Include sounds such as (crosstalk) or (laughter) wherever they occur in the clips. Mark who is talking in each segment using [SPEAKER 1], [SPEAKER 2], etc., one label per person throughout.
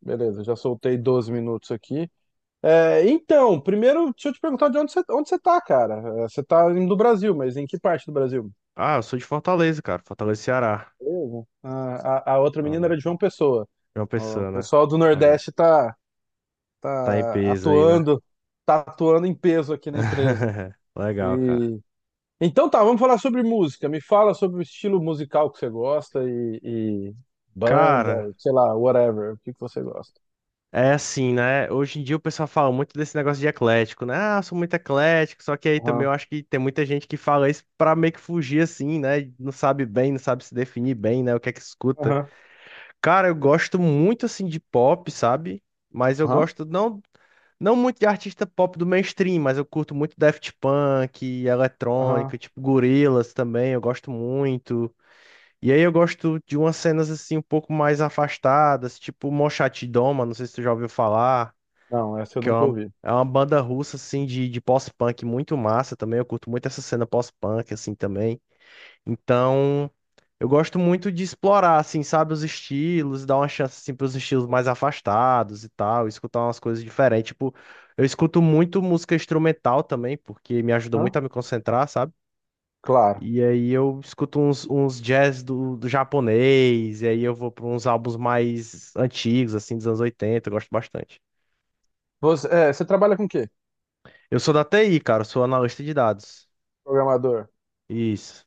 [SPEAKER 1] Beleza, já soltei 12 minutos aqui. Então, primeiro, deixa eu te perguntar de onde onde você tá, cara. Você tá indo do Brasil, mas em que parte do Brasil?
[SPEAKER 2] Ah, eu sou de Fortaleza, cara. Fortaleza, Ceará.
[SPEAKER 1] Beleza. A outra
[SPEAKER 2] Ah,
[SPEAKER 1] menina era
[SPEAKER 2] né?
[SPEAKER 1] de João Pessoa.
[SPEAKER 2] É uma
[SPEAKER 1] O
[SPEAKER 2] pessoa, né?
[SPEAKER 1] pessoal do
[SPEAKER 2] Legal.
[SPEAKER 1] Nordeste
[SPEAKER 2] Tá em
[SPEAKER 1] tá
[SPEAKER 2] peso aí, né?
[SPEAKER 1] atuando, tá atuando em peso aqui na empresa.
[SPEAKER 2] (laughs) Legal, cara.
[SPEAKER 1] E então tá, vamos falar sobre música. Me fala sobre o estilo musical que você gosta e banda,
[SPEAKER 2] Cara,
[SPEAKER 1] sei lá, whatever, o que que você gosta.
[SPEAKER 2] é assim, né? Hoje em dia o pessoal fala muito desse negócio de eclético, né? Ah, eu sou muito eclético, só que aí também eu
[SPEAKER 1] Aham,
[SPEAKER 2] acho que tem muita gente que fala isso pra meio que fugir assim, né? E não sabe bem, não sabe se definir bem, né? O que é que escuta.
[SPEAKER 1] aham,
[SPEAKER 2] Cara, eu gosto muito assim de pop, sabe? Mas eu
[SPEAKER 1] aham,
[SPEAKER 2] gosto não, não muito de artista pop do mainstream, mas eu curto muito Daft Punk,
[SPEAKER 1] aham.
[SPEAKER 2] eletrônica, tipo Gorillaz também, eu gosto muito. E aí eu gosto de umas cenas assim um pouco mais afastadas, tipo Mochate Doma, não sei se tu já ouviu falar
[SPEAKER 1] Não, essa eu
[SPEAKER 2] que
[SPEAKER 1] nunca ouvi.
[SPEAKER 2] é uma banda russa, assim, de pós-punk muito massa também. Eu curto muito essa cena pós-punk, assim, também. Então, eu gosto muito de explorar, assim, sabe, os estilos, dar uma chance, assim, pros estilos mais afastados e tal, escutar umas coisas diferentes. Tipo, eu escuto muito música instrumental também, porque me ajuda muito a me concentrar, sabe?
[SPEAKER 1] Claro.
[SPEAKER 2] E aí eu escuto uns jazz do japonês, e aí eu vou para uns álbuns mais antigos, assim, dos anos 80 eu gosto bastante.
[SPEAKER 1] Você trabalha com o quê?
[SPEAKER 2] Eu sou da TI, cara, eu sou analista de dados.
[SPEAKER 1] Programador.
[SPEAKER 2] Isso.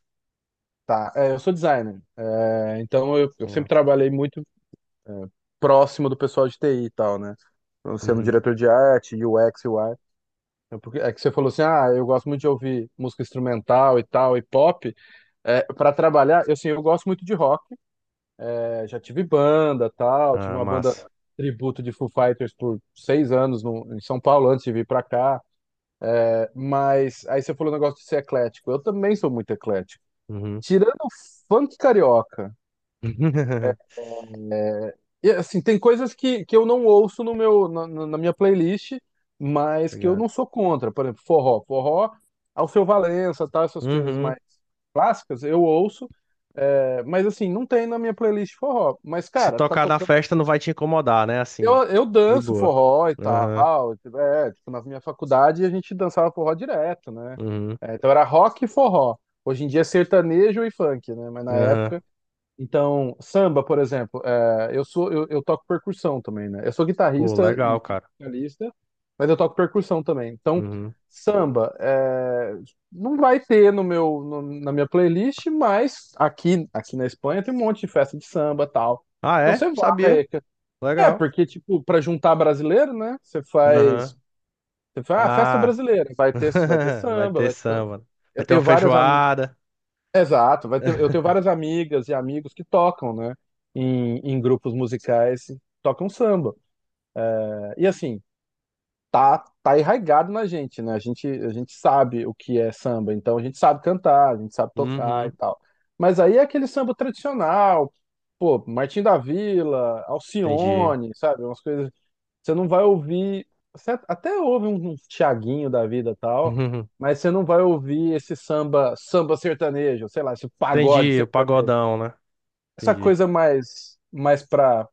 [SPEAKER 1] Tá. É, eu sou designer. Então eu sempre
[SPEAKER 2] Legal.
[SPEAKER 1] trabalhei muito é, próximo do pessoal de TI e tal, né? Eu sendo
[SPEAKER 2] Uhum.
[SPEAKER 1] diretor de arte, UX, UI. É que você falou assim, ah, eu gosto muito de ouvir música instrumental e tal, e pop. Para trabalhar, eu, assim, eu gosto muito de rock. É, já tive banda, tal, tive
[SPEAKER 2] Ah,
[SPEAKER 1] uma banda
[SPEAKER 2] massa.
[SPEAKER 1] tributo de Foo Fighters por seis anos em São Paulo antes de vir pra cá. Mas aí você falou o negócio de ser eclético. Eu também sou muito eclético.
[SPEAKER 2] Uhum.
[SPEAKER 1] Tirando o funk carioca,
[SPEAKER 2] (laughs)
[SPEAKER 1] e, assim, tem coisas que eu não ouço no na minha playlist, mas que eu
[SPEAKER 2] Obrigado.
[SPEAKER 1] não sou contra. Por exemplo, forró. Forró, Alceu Valença, tá? Essas coisas
[SPEAKER 2] Uhum.
[SPEAKER 1] mais clássicas, eu ouço. É, mas assim, não tem na minha playlist forró. Mas,
[SPEAKER 2] Se
[SPEAKER 1] cara, tá
[SPEAKER 2] tocar na
[SPEAKER 1] tocando.
[SPEAKER 2] festa não vai te incomodar, né? Assim.
[SPEAKER 1] Eu
[SPEAKER 2] De
[SPEAKER 1] danço
[SPEAKER 2] boa.
[SPEAKER 1] forró e
[SPEAKER 2] Aham.
[SPEAKER 1] tal. É, tipo, na minha faculdade a gente dançava forró direto, né?
[SPEAKER 2] Uhum.
[SPEAKER 1] É, então era rock e forró. Hoje em dia é sertanejo e funk, né? Mas na
[SPEAKER 2] Aham.
[SPEAKER 1] época então, samba, por exemplo, é, eu toco percussão também, né? Eu sou
[SPEAKER 2] Pô,
[SPEAKER 1] guitarrista
[SPEAKER 2] legal,
[SPEAKER 1] e
[SPEAKER 2] cara.
[SPEAKER 1] vocalista, mas eu toco percussão também. Então,
[SPEAKER 2] Uhum.
[SPEAKER 1] samba é, não vai ter no meu no- na minha playlist, mas aqui na Espanha tem um monte de festa de samba, tal.
[SPEAKER 2] Ah,
[SPEAKER 1] Então
[SPEAKER 2] é?
[SPEAKER 1] você
[SPEAKER 2] Sabia.
[SPEAKER 1] vai, é
[SPEAKER 2] Legal.
[SPEAKER 1] porque tipo para juntar brasileiro, né?
[SPEAKER 2] Aham.
[SPEAKER 1] Você faz, ah, festa
[SPEAKER 2] Ah.
[SPEAKER 1] brasileira,
[SPEAKER 2] (laughs)
[SPEAKER 1] vai ter
[SPEAKER 2] Vai
[SPEAKER 1] samba,
[SPEAKER 2] ter
[SPEAKER 1] vai ter...
[SPEAKER 2] samba. Vai
[SPEAKER 1] Eu
[SPEAKER 2] ter uma
[SPEAKER 1] tenho vários
[SPEAKER 2] feijoada.
[SPEAKER 1] exato, vai ter, eu tenho várias amigas e amigos que tocam, né, em grupos musicais, tocam samba. É, e assim, tá arraigado na gente, né? A gente sabe o que é samba, então a gente sabe cantar, a gente sabe tocar e
[SPEAKER 2] Uhum.
[SPEAKER 1] tal. Mas aí é aquele samba tradicional, pô, Martim da Vila,
[SPEAKER 2] Entendi. (laughs)
[SPEAKER 1] Alcione, sabe? Umas coisas. Você não vai ouvir. Você até ouve um Thiaguinho da vida e tal,
[SPEAKER 2] Uhum.
[SPEAKER 1] mas você não vai ouvir esse samba, samba sertanejo, sei lá, esse pagode
[SPEAKER 2] Entendi. O pagodão, né?
[SPEAKER 1] essa
[SPEAKER 2] Entendi.
[SPEAKER 1] coisa mais mais pra,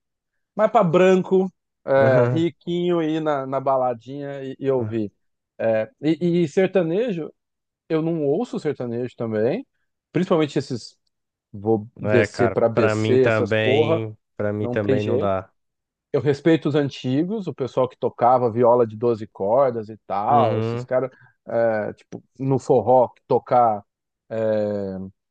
[SPEAKER 1] mais pra branco, é,
[SPEAKER 2] Aham.
[SPEAKER 1] riquinho, ir na baladinha e ouvir. E sertanejo, eu não ouço sertanejo também, principalmente esses, vou
[SPEAKER 2] É,
[SPEAKER 1] descer
[SPEAKER 2] cara,
[SPEAKER 1] pra BC, essas porra,
[SPEAKER 2] pra mim
[SPEAKER 1] não tem
[SPEAKER 2] também não
[SPEAKER 1] jeito.
[SPEAKER 2] dá.
[SPEAKER 1] Eu respeito os antigos, o pessoal que tocava viola de 12 cordas e tal, esses
[SPEAKER 2] Uhum,
[SPEAKER 1] caras, é, tipo, no forró, é,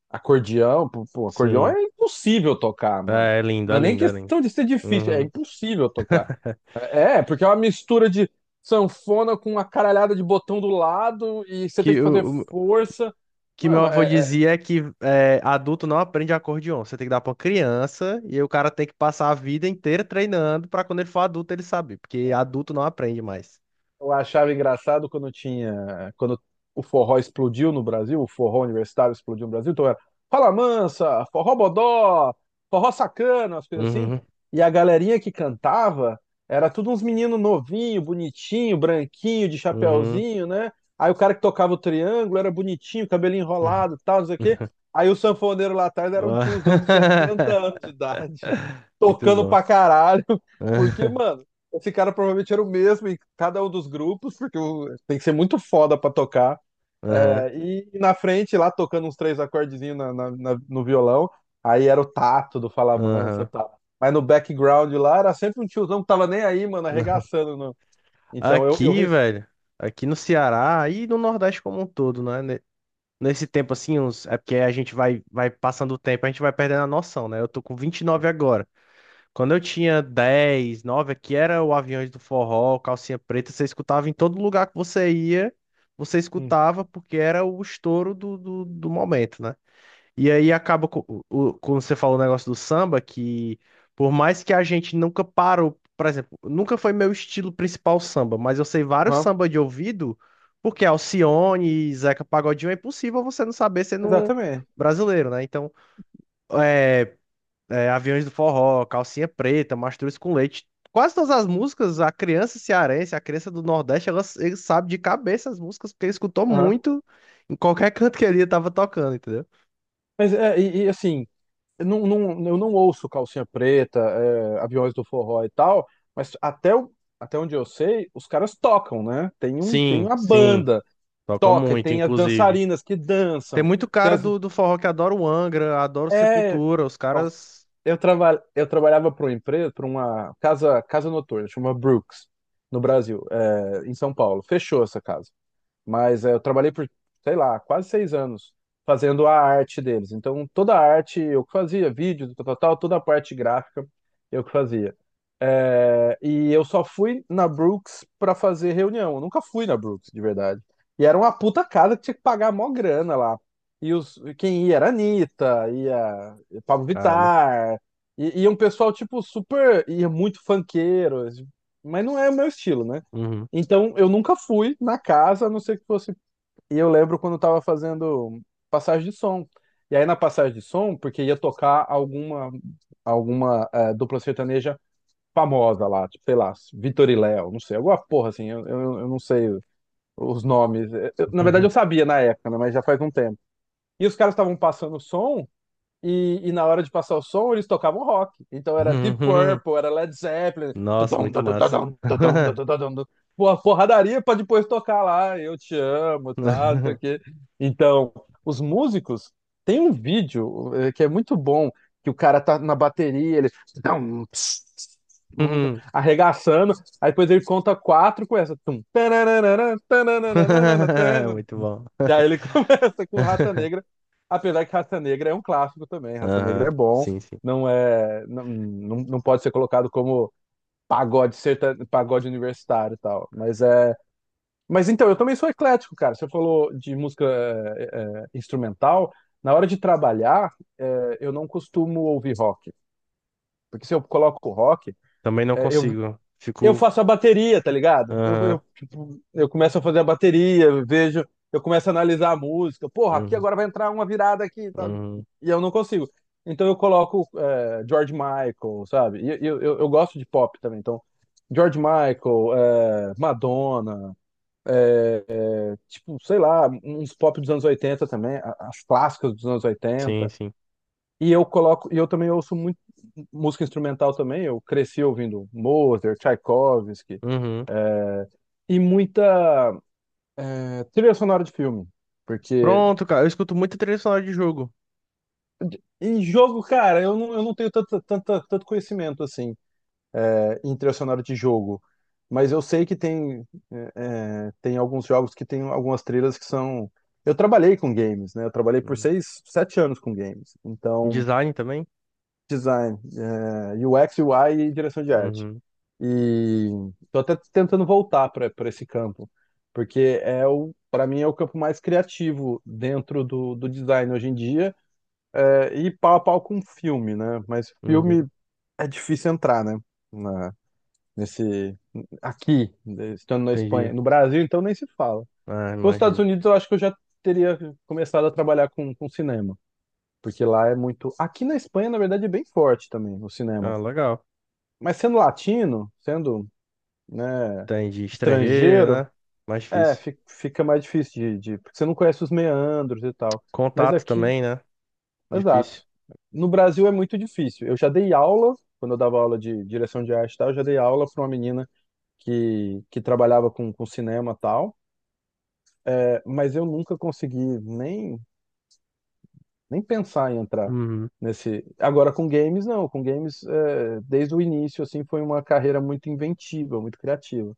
[SPEAKER 1] acordeão, pô, acordeão
[SPEAKER 2] sim.
[SPEAKER 1] é impossível tocar, mano.
[SPEAKER 2] É, é lindo,
[SPEAKER 1] Não
[SPEAKER 2] é
[SPEAKER 1] é nem
[SPEAKER 2] lindo, é lindo.
[SPEAKER 1] questão de ser difícil, é
[SPEAKER 2] Uhum.
[SPEAKER 1] impossível tocar. É, porque é uma mistura de sanfona com uma caralhada de botão do lado e você
[SPEAKER 2] Que
[SPEAKER 1] tem que fazer força.
[SPEAKER 2] que meu
[SPEAKER 1] Mano,
[SPEAKER 2] avô
[SPEAKER 1] é, é,
[SPEAKER 2] dizia é que é, adulto não aprende acordeon. Você tem que dar pra uma criança e aí o cara tem que passar a vida inteira treinando pra quando ele for adulto ele saber, porque adulto não aprende mais.
[SPEAKER 1] eu achava engraçado quando tinha, quando o forró explodiu no Brasil, o forró universitário explodiu no Brasil, então era Fala Mansa, Forró Bodó, Forró Sacana, as coisas assim.
[SPEAKER 2] Uhum,
[SPEAKER 1] E a galerinha que cantava era tudo uns meninos novinho, bonitinho, branquinho, de
[SPEAKER 2] uhum.
[SPEAKER 1] chapéuzinho, né? Aí o cara que tocava o triângulo era bonitinho, cabelinho
[SPEAKER 2] Uhum.
[SPEAKER 1] enrolado, e tal, não sei o quê. Aí o sanfoneiro lá atrás era um tiozão de 70
[SPEAKER 2] (laughs)
[SPEAKER 1] anos de idade, (laughs)
[SPEAKER 2] Muito
[SPEAKER 1] tocando
[SPEAKER 2] bom.
[SPEAKER 1] pra caralho. Porque,
[SPEAKER 2] (laughs)
[SPEAKER 1] mano, esse cara provavelmente era o mesmo em cada um dos grupos, porque tem que ser muito foda pra tocar.
[SPEAKER 2] Aham,
[SPEAKER 1] É, e na frente, lá tocando uns três acordezinhos no violão, aí era o Tato do Fala Mansa e
[SPEAKER 2] aham.
[SPEAKER 1] tal. Mas no background lá era sempre um tiozão que tava nem aí, mano,
[SPEAKER 2] Aham.
[SPEAKER 1] arregaçando. Então eu, eu
[SPEAKER 2] Aqui,
[SPEAKER 1] res-
[SPEAKER 2] velho, aqui no Ceará e no Nordeste como um todo, né? Nesse tempo, assim, uns... é porque a gente vai, vai passando o tempo, a gente vai perdendo a noção, né? Eu tô com 29 agora. Quando eu tinha 10, 9, aqui era o Aviões do Forró, Calcinha Preta, você escutava em todo lugar que você ia, você
[SPEAKER 1] Hum.
[SPEAKER 2] escutava porque era o estouro do momento, né? E aí acaba, quando você falou o negócio do samba, que por mais que a gente nunca parou, por exemplo, nunca foi meu estilo principal samba, mas eu sei vários
[SPEAKER 1] Aham.
[SPEAKER 2] samba de ouvido, porque Alcione e Zeca Pagodinho é impossível você não saber sendo um
[SPEAKER 1] Exatamente.
[SPEAKER 2] brasileiro, né? Então, é, é, Aviões do Forró, Calcinha Preta, Mastruz com Leite, quase todas as músicas, a criança cearense, a criança do Nordeste, ela, ele sabe de cabeça as músicas, porque ele escutou
[SPEAKER 1] Aham.
[SPEAKER 2] muito em qualquer (laughs) canto que ele estava tocando, entendeu?
[SPEAKER 1] Mas é, e, assim, eu não ouço Calcinha Preta, é, Aviões do Forró e tal, mas até onde eu sei, os caras tocam, né? Tem
[SPEAKER 2] Sim,
[SPEAKER 1] uma
[SPEAKER 2] sim.
[SPEAKER 1] banda.
[SPEAKER 2] Toca
[SPEAKER 1] Toca,
[SPEAKER 2] muito,
[SPEAKER 1] tem as
[SPEAKER 2] inclusive.
[SPEAKER 1] dançarinas que
[SPEAKER 2] Tem
[SPEAKER 1] dançam,
[SPEAKER 2] muito
[SPEAKER 1] tem
[SPEAKER 2] cara
[SPEAKER 1] as.
[SPEAKER 2] do forró que adora o Angra, adora o
[SPEAKER 1] É.
[SPEAKER 2] Sepultura, os
[SPEAKER 1] Bom,
[SPEAKER 2] caras.
[SPEAKER 1] eu trabalhava para uma empresa, para uma casa, casa noturna, chama Brooks, no Brasil, é, em São Paulo. Fechou essa casa. Eu trabalhei por, sei lá, quase seis anos fazendo a arte deles. Então, toda a arte eu que fazia, vídeos, tal, tal, tal, toda a parte gráfica eu que fazia. É, e eu só fui na Brooks pra fazer reunião. Eu nunca fui na Brooks, de verdade. E era uma puta casa que tinha que pagar mó grana lá. E quem ia era a Anitta, ia Pablo
[SPEAKER 2] Caramba.
[SPEAKER 1] Vittar, e um pessoal, tipo, super. Ia muito funkeiro, mas não é o meu estilo, né?
[SPEAKER 2] Uhum.
[SPEAKER 1] Então, eu nunca fui na casa, a não ser que fosse. E eu lembro quando eu tava fazendo passagem de som. E aí, na passagem de som, porque ia tocar alguma dupla sertaneja famosa lá, tipo, sei lá, Vitor e Léo, não sei, alguma porra assim, eu não sei os nomes. Na verdade, eu sabia na época, né, mas já faz um tempo. E os caras estavam passando o som. E na hora de passar o som, eles tocavam rock. Então era Deep
[SPEAKER 2] (laughs)
[SPEAKER 1] Purple, era Led Zeppelin.
[SPEAKER 2] Nossa,
[SPEAKER 1] Tudum,
[SPEAKER 2] muito
[SPEAKER 1] tudum, tudum,
[SPEAKER 2] massa.
[SPEAKER 1] tudum, tudum,
[SPEAKER 2] (laughs)
[SPEAKER 1] tudum, tudum. Porra, porradaria pra depois tocar lá, eu te amo, tá? Não sei o quê. Então, os músicos tem um vídeo que é muito bom, que o cara tá na bateria, ele tudum, ps, ps, tum,
[SPEAKER 2] (laughs)
[SPEAKER 1] arregaçando, aí depois ele conta quatro com essa. Tum, tarararara, tarararara, tarararara.
[SPEAKER 2] Muito bom.
[SPEAKER 1] E aí ele (laughs) começa com Rata Negra. Apesar que Raça Negra é um clássico também, Raça Negra
[SPEAKER 2] Aham,
[SPEAKER 1] é bom,
[SPEAKER 2] sim, sim.
[SPEAKER 1] não pode ser colocado como pagode serta, pagode universitário e tal, mas é, mas então eu também sou eclético, cara. Você falou de música instrumental, na hora de trabalhar, é, eu não costumo ouvir rock, porque se eu coloco rock,
[SPEAKER 2] Também não
[SPEAKER 1] é, eu,
[SPEAKER 2] consigo.
[SPEAKER 1] eu
[SPEAKER 2] Fico.
[SPEAKER 1] faço a bateria, tá ligado?
[SPEAKER 2] Aham,
[SPEAKER 1] Tipo, eu começo a fazer a bateria, eu vejo, eu começo a analisar a música. Porra, aqui
[SPEAKER 2] uhum,
[SPEAKER 1] agora vai entrar uma virada aqui, tá?
[SPEAKER 2] uhum.
[SPEAKER 1] E eu não consigo. Então eu coloco é, George Michael, sabe? Eu gosto de pop também, então George Michael, é, Madonna, é, tipo, sei lá, uns pop dos anos 80 também, as clássicas dos anos
[SPEAKER 2] Sim,
[SPEAKER 1] oitenta.
[SPEAKER 2] sim.
[SPEAKER 1] E eu coloco, e eu também ouço muito música instrumental também. Eu cresci ouvindo Mozart, Tchaikovsky
[SPEAKER 2] Uhum.
[SPEAKER 1] e muita é, trilha sonora de filme. Porque
[SPEAKER 2] Pronto, cara. Eu escuto muito trilha sonora de jogo.
[SPEAKER 1] em jogo, cara, eu não tenho tanto conhecimento assim é, em trilha sonora de jogo. Mas eu sei que tem, tem alguns jogos que tem algumas trilhas que são. Eu trabalhei com games, né? Eu trabalhei por
[SPEAKER 2] Uhum.
[SPEAKER 1] seis, sete anos com games. Então,
[SPEAKER 2] Design também?
[SPEAKER 1] design, é, UX, UI e direção de arte.
[SPEAKER 2] Uhum,
[SPEAKER 1] E tô até tentando voltar para esse campo, porque é o, para mim é o campo mais criativo dentro do, do design hoje em dia. É, e pau a pau com filme, né? Mas
[SPEAKER 2] uhum.
[SPEAKER 1] filme é difícil entrar, né? Na- nesse, aqui, né, estando na
[SPEAKER 2] Entendi.
[SPEAKER 1] Espanha. No Brasil, então, nem se fala.
[SPEAKER 2] Ah,
[SPEAKER 1] Nos Estados
[SPEAKER 2] imagino.
[SPEAKER 1] Unidos, eu acho que eu já teria começado a trabalhar com cinema. Porque lá é muito. Aqui na Espanha, na verdade, é bem forte também o cinema.
[SPEAKER 2] Ah, legal.
[SPEAKER 1] Mas sendo latino, sendo, né,
[SPEAKER 2] Tem de estrangeiro,
[SPEAKER 1] estrangeiro,
[SPEAKER 2] né? Mais
[SPEAKER 1] é,
[SPEAKER 2] difícil.
[SPEAKER 1] fica mais difícil de, de. Porque você não conhece os meandros e tal. Mas
[SPEAKER 2] Contato
[SPEAKER 1] aqui,
[SPEAKER 2] também, né? Difícil.
[SPEAKER 1] exato. No Brasil é muito difícil. Eu já dei aula, quando eu dava aula de direção de arte e tal, eu já dei aula para uma menina que trabalhava com cinema e tal, é, mas eu nunca consegui nem pensar em entrar
[SPEAKER 2] Uhum.
[SPEAKER 1] nesse. Agora com games, não. Com games, é, desde o início, assim, foi uma carreira muito inventiva, muito criativa.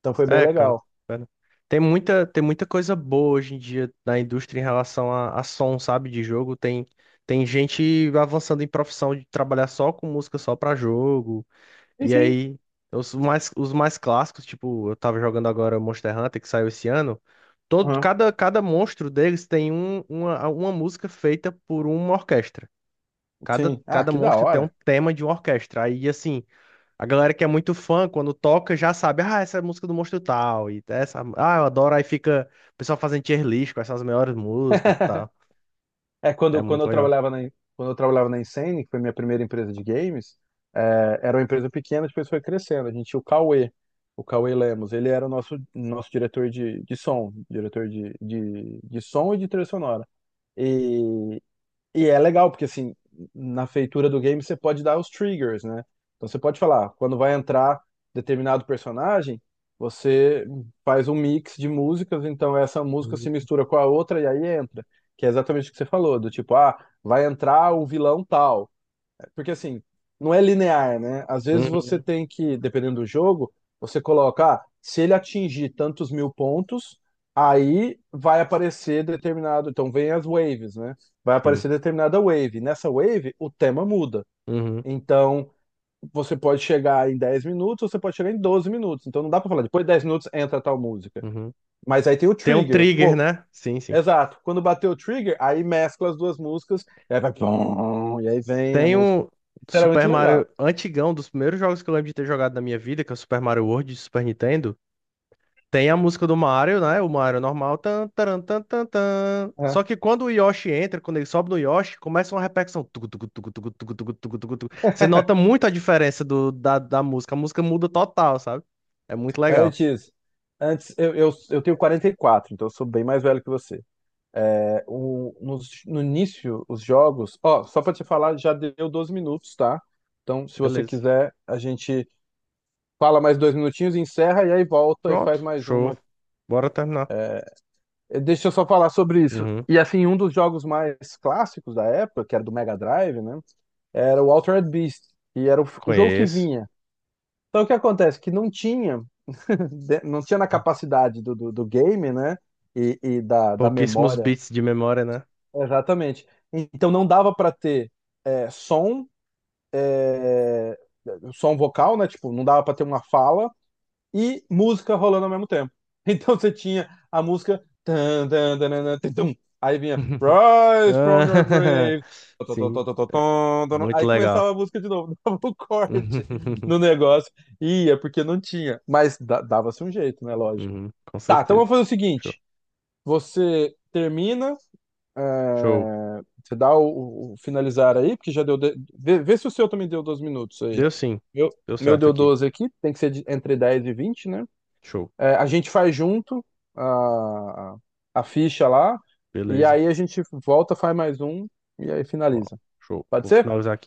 [SPEAKER 1] Então foi bem
[SPEAKER 2] É, cara.
[SPEAKER 1] legal.
[SPEAKER 2] Pera. Tem muita coisa boa hoje em dia na indústria em relação a som, sabe? De jogo. Tem, tem gente avançando em profissão de trabalhar só com música, só pra jogo.
[SPEAKER 1] Sim,
[SPEAKER 2] E
[SPEAKER 1] sim.
[SPEAKER 2] aí, os mais clássicos, tipo, eu tava jogando agora Monster Hunter, que saiu esse ano. Todo,
[SPEAKER 1] Aham.
[SPEAKER 2] cada monstro deles tem uma música feita por uma orquestra. Cada,
[SPEAKER 1] Sim. Ah,
[SPEAKER 2] cada
[SPEAKER 1] que da
[SPEAKER 2] monstro tem um
[SPEAKER 1] hora.
[SPEAKER 2] tema de uma orquestra. Aí, assim, a galera que é muito fã, quando toca, já sabe, ah, essa é a música do monstro tal, e essa, ah, eu adoro. Aí fica o pessoal fazendo tier list com essas melhores músicas e tal. É
[SPEAKER 1] Quando
[SPEAKER 2] muito
[SPEAKER 1] eu
[SPEAKER 2] legal.
[SPEAKER 1] quando eu trabalhava na Insane, que foi minha primeira empresa de games, é, era uma empresa pequena, depois foi crescendo. A gente tinha o Cauê Lemos, ele era o nosso diretor de som, diretor de som e de trilha sonora. E e é legal, porque assim, na feitura do game você pode dar os triggers, né? Então você pode falar, quando vai entrar determinado personagem, você faz um mix de músicas, então essa música se
[SPEAKER 2] Uhum.
[SPEAKER 1] mistura com a outra e aí entra. Que é exatamente o que você falou, do tipo, ah, vai entrar o vilão tal. Porque assim, não é linear, né? Às vezes você
[SPEAKER 2] Uhum.
[SPEAKER 1] tem que, dependendo do jogo, você coloca, ah, se ele atingir tantos mil pontos, aí vai aparecer determinado. Então vem as waves, né? Vai
[SPEAKER 2] Sim.
[SPEAKER 1] aparecer determinada wave. Nessa wave, o tema muda.
[SPEAKER 2] Uhum.
[SPEAKER 1] Então você pode chegar em 10 minutos, você pode chegar em 12 minutos. Então não dá pra falar, depois de 10 minutos entra tal música.
[SPEAKER 2] Uhum.
[SPEAKER 1] Mas aí tem o
[SPEAKER 2] Tem um
[SPEAKER 1] trigger.
[SPEAKER 2] trigger,
[SPEAKER 1] Pô,
[SPEAKER 2] né? Sim, sim.
[SPEAKER 1] exato. Quando bateu o trigger, aí mescla as duas músicas, e aí vai. Pum, e aí vem a
[SPEAKER 2] Tem
[SPEAKER 1] música.
[SPEAKER 2] um
[SPEAKER 1] Isso era
[SPEAKER 2] Super
[SPEAKER 1] muito
[SPEAKER 2] Mario
[SPEAKER 1] legal.
[SPEAKER 2] antigão, dos primeiros jogos que eu lembro de ter jogado na minha vida, que é o Super Mario World de Super Nintendo. Tem a música do Mario, né? O Mario normal. Tan, taran, tan, tan, tan. Só que quando o Yoshi entra, quando ele sobe no Yoshi, começa uma repercussão. Tucu, tucu, tucu, tucu, tucu, tucu, tucu, tucu, tucu. Você nota muito a diferença da música. A música muda total, sabe? É muito legal.
[SPEAKER 1] Antes, antes eu tenho 44, então eu sou bem mais velho que você. É, o, no início, os jogos. Ó, só pra te falar, já deu 12 minutos, tá? Então, se você
[SPEAKER 2] Beleza.
[SPEAKER 1] quiser, a gente fala mais dois minutinhos, encerra e aí volta e
[SPEAKER 2] Pronto.
[SPEAKER 1] faz mais
[SPEAKER 2] Show.
[SPEAKER 1] uma.
[SPEAKER 2] Bora terminar.
[SPEAKER 1] Eh, deixa eu só falar sobre isso.
[SPEAKER 2] Uhum.
[SPEAKER 1] E assim, um dos jogos mais clássicos da época, que era do Mega Drive, né? Era o Altered Beast, e era o, o jogo que
[SPEAKER 2] Conheço.
[SPEAKER 1] vinha. Então, o que acontece? Que não tinha. Não tinha na capacidade do game, né? E da
[SPEAKER 2] Pouquíssimos
[SPEAKER 1] memória.
[SPEAKER 2] bits de memória, né?
[SPEAKER 1] Exatamente. Então não dava para ter é, som, é, som vocal, né? Tipo, não dava para ter uma fala e música rolando ao mesmo tempo. (laughs) Então você tinha a música. Tan, tan, tan, tan, tan, tum. Aí vinha
[SPEAKER 2] (laughs)
[SPEAKER 1] Rise from your
[SPEAKER 2] Ah,
[SPEAKER 1] grave.
[SPEAKER 2] (laughs)
[SPEAKER 1] Tó, tó, tó,
[SPEAKER 2] sim.
[SPEAKER 1] tó, tó, tó, tó, tó.
[SPEAKER 2] Muito
[SPEAKER 1] Aí começava
[SPEAKER 2] legal.
[SPEAKER 1] a música de novo, (laughs) dava um corte
[SPEAKER 2] (laughs)
[SPEAKER 1] no negócio. E ia, porque não tinha. Mas dava-se um jeito, né? Lógico.
[SPEAKER 2] Uhum, com
[SPEAKER 1] Tá, então vamos
[SPEAKER 2] certeza.
[SPEAKER 1] fazer o
[SPEAKER 2] Show.
[SPEAKER 1] seguinte. Você termina, é,
[SPEAKER 2] Show.
[SPEAKER 1] você dá o finalizar aí, porque já deu. Vê, vê se o seu também deu 12 minutos aí.
[SPEAKER 2] Deu sim.
[SPEAKER 1] Meu,
[SPEAKER 2] Deu
[SPEAKER 1] meu
[SPEAKER 2] certo
[SPEAKER 1] deu
[SPEAKER 2] aqui.
[SPEAKER 1] 12 aqui, tem que ser entre 10 e 20, né?
[SPEAKER 2] Show.
[SPEAKER 1] É, a gente faz junto a, a ficha lá, e
[SPEAKER 2] Beleza.
[SPEAKER 1] aí a gente volta, faz mais um, e aí
[SPEAKER 2] Ó,
[SPEAKER 1] finaliza.
[SPEAKER 2] show.
[SPEAKER 1] Pode
[SPEAKER 2] Vou
[SPEAKER 1] ser?
[SPEAKER 2] finalizar aqui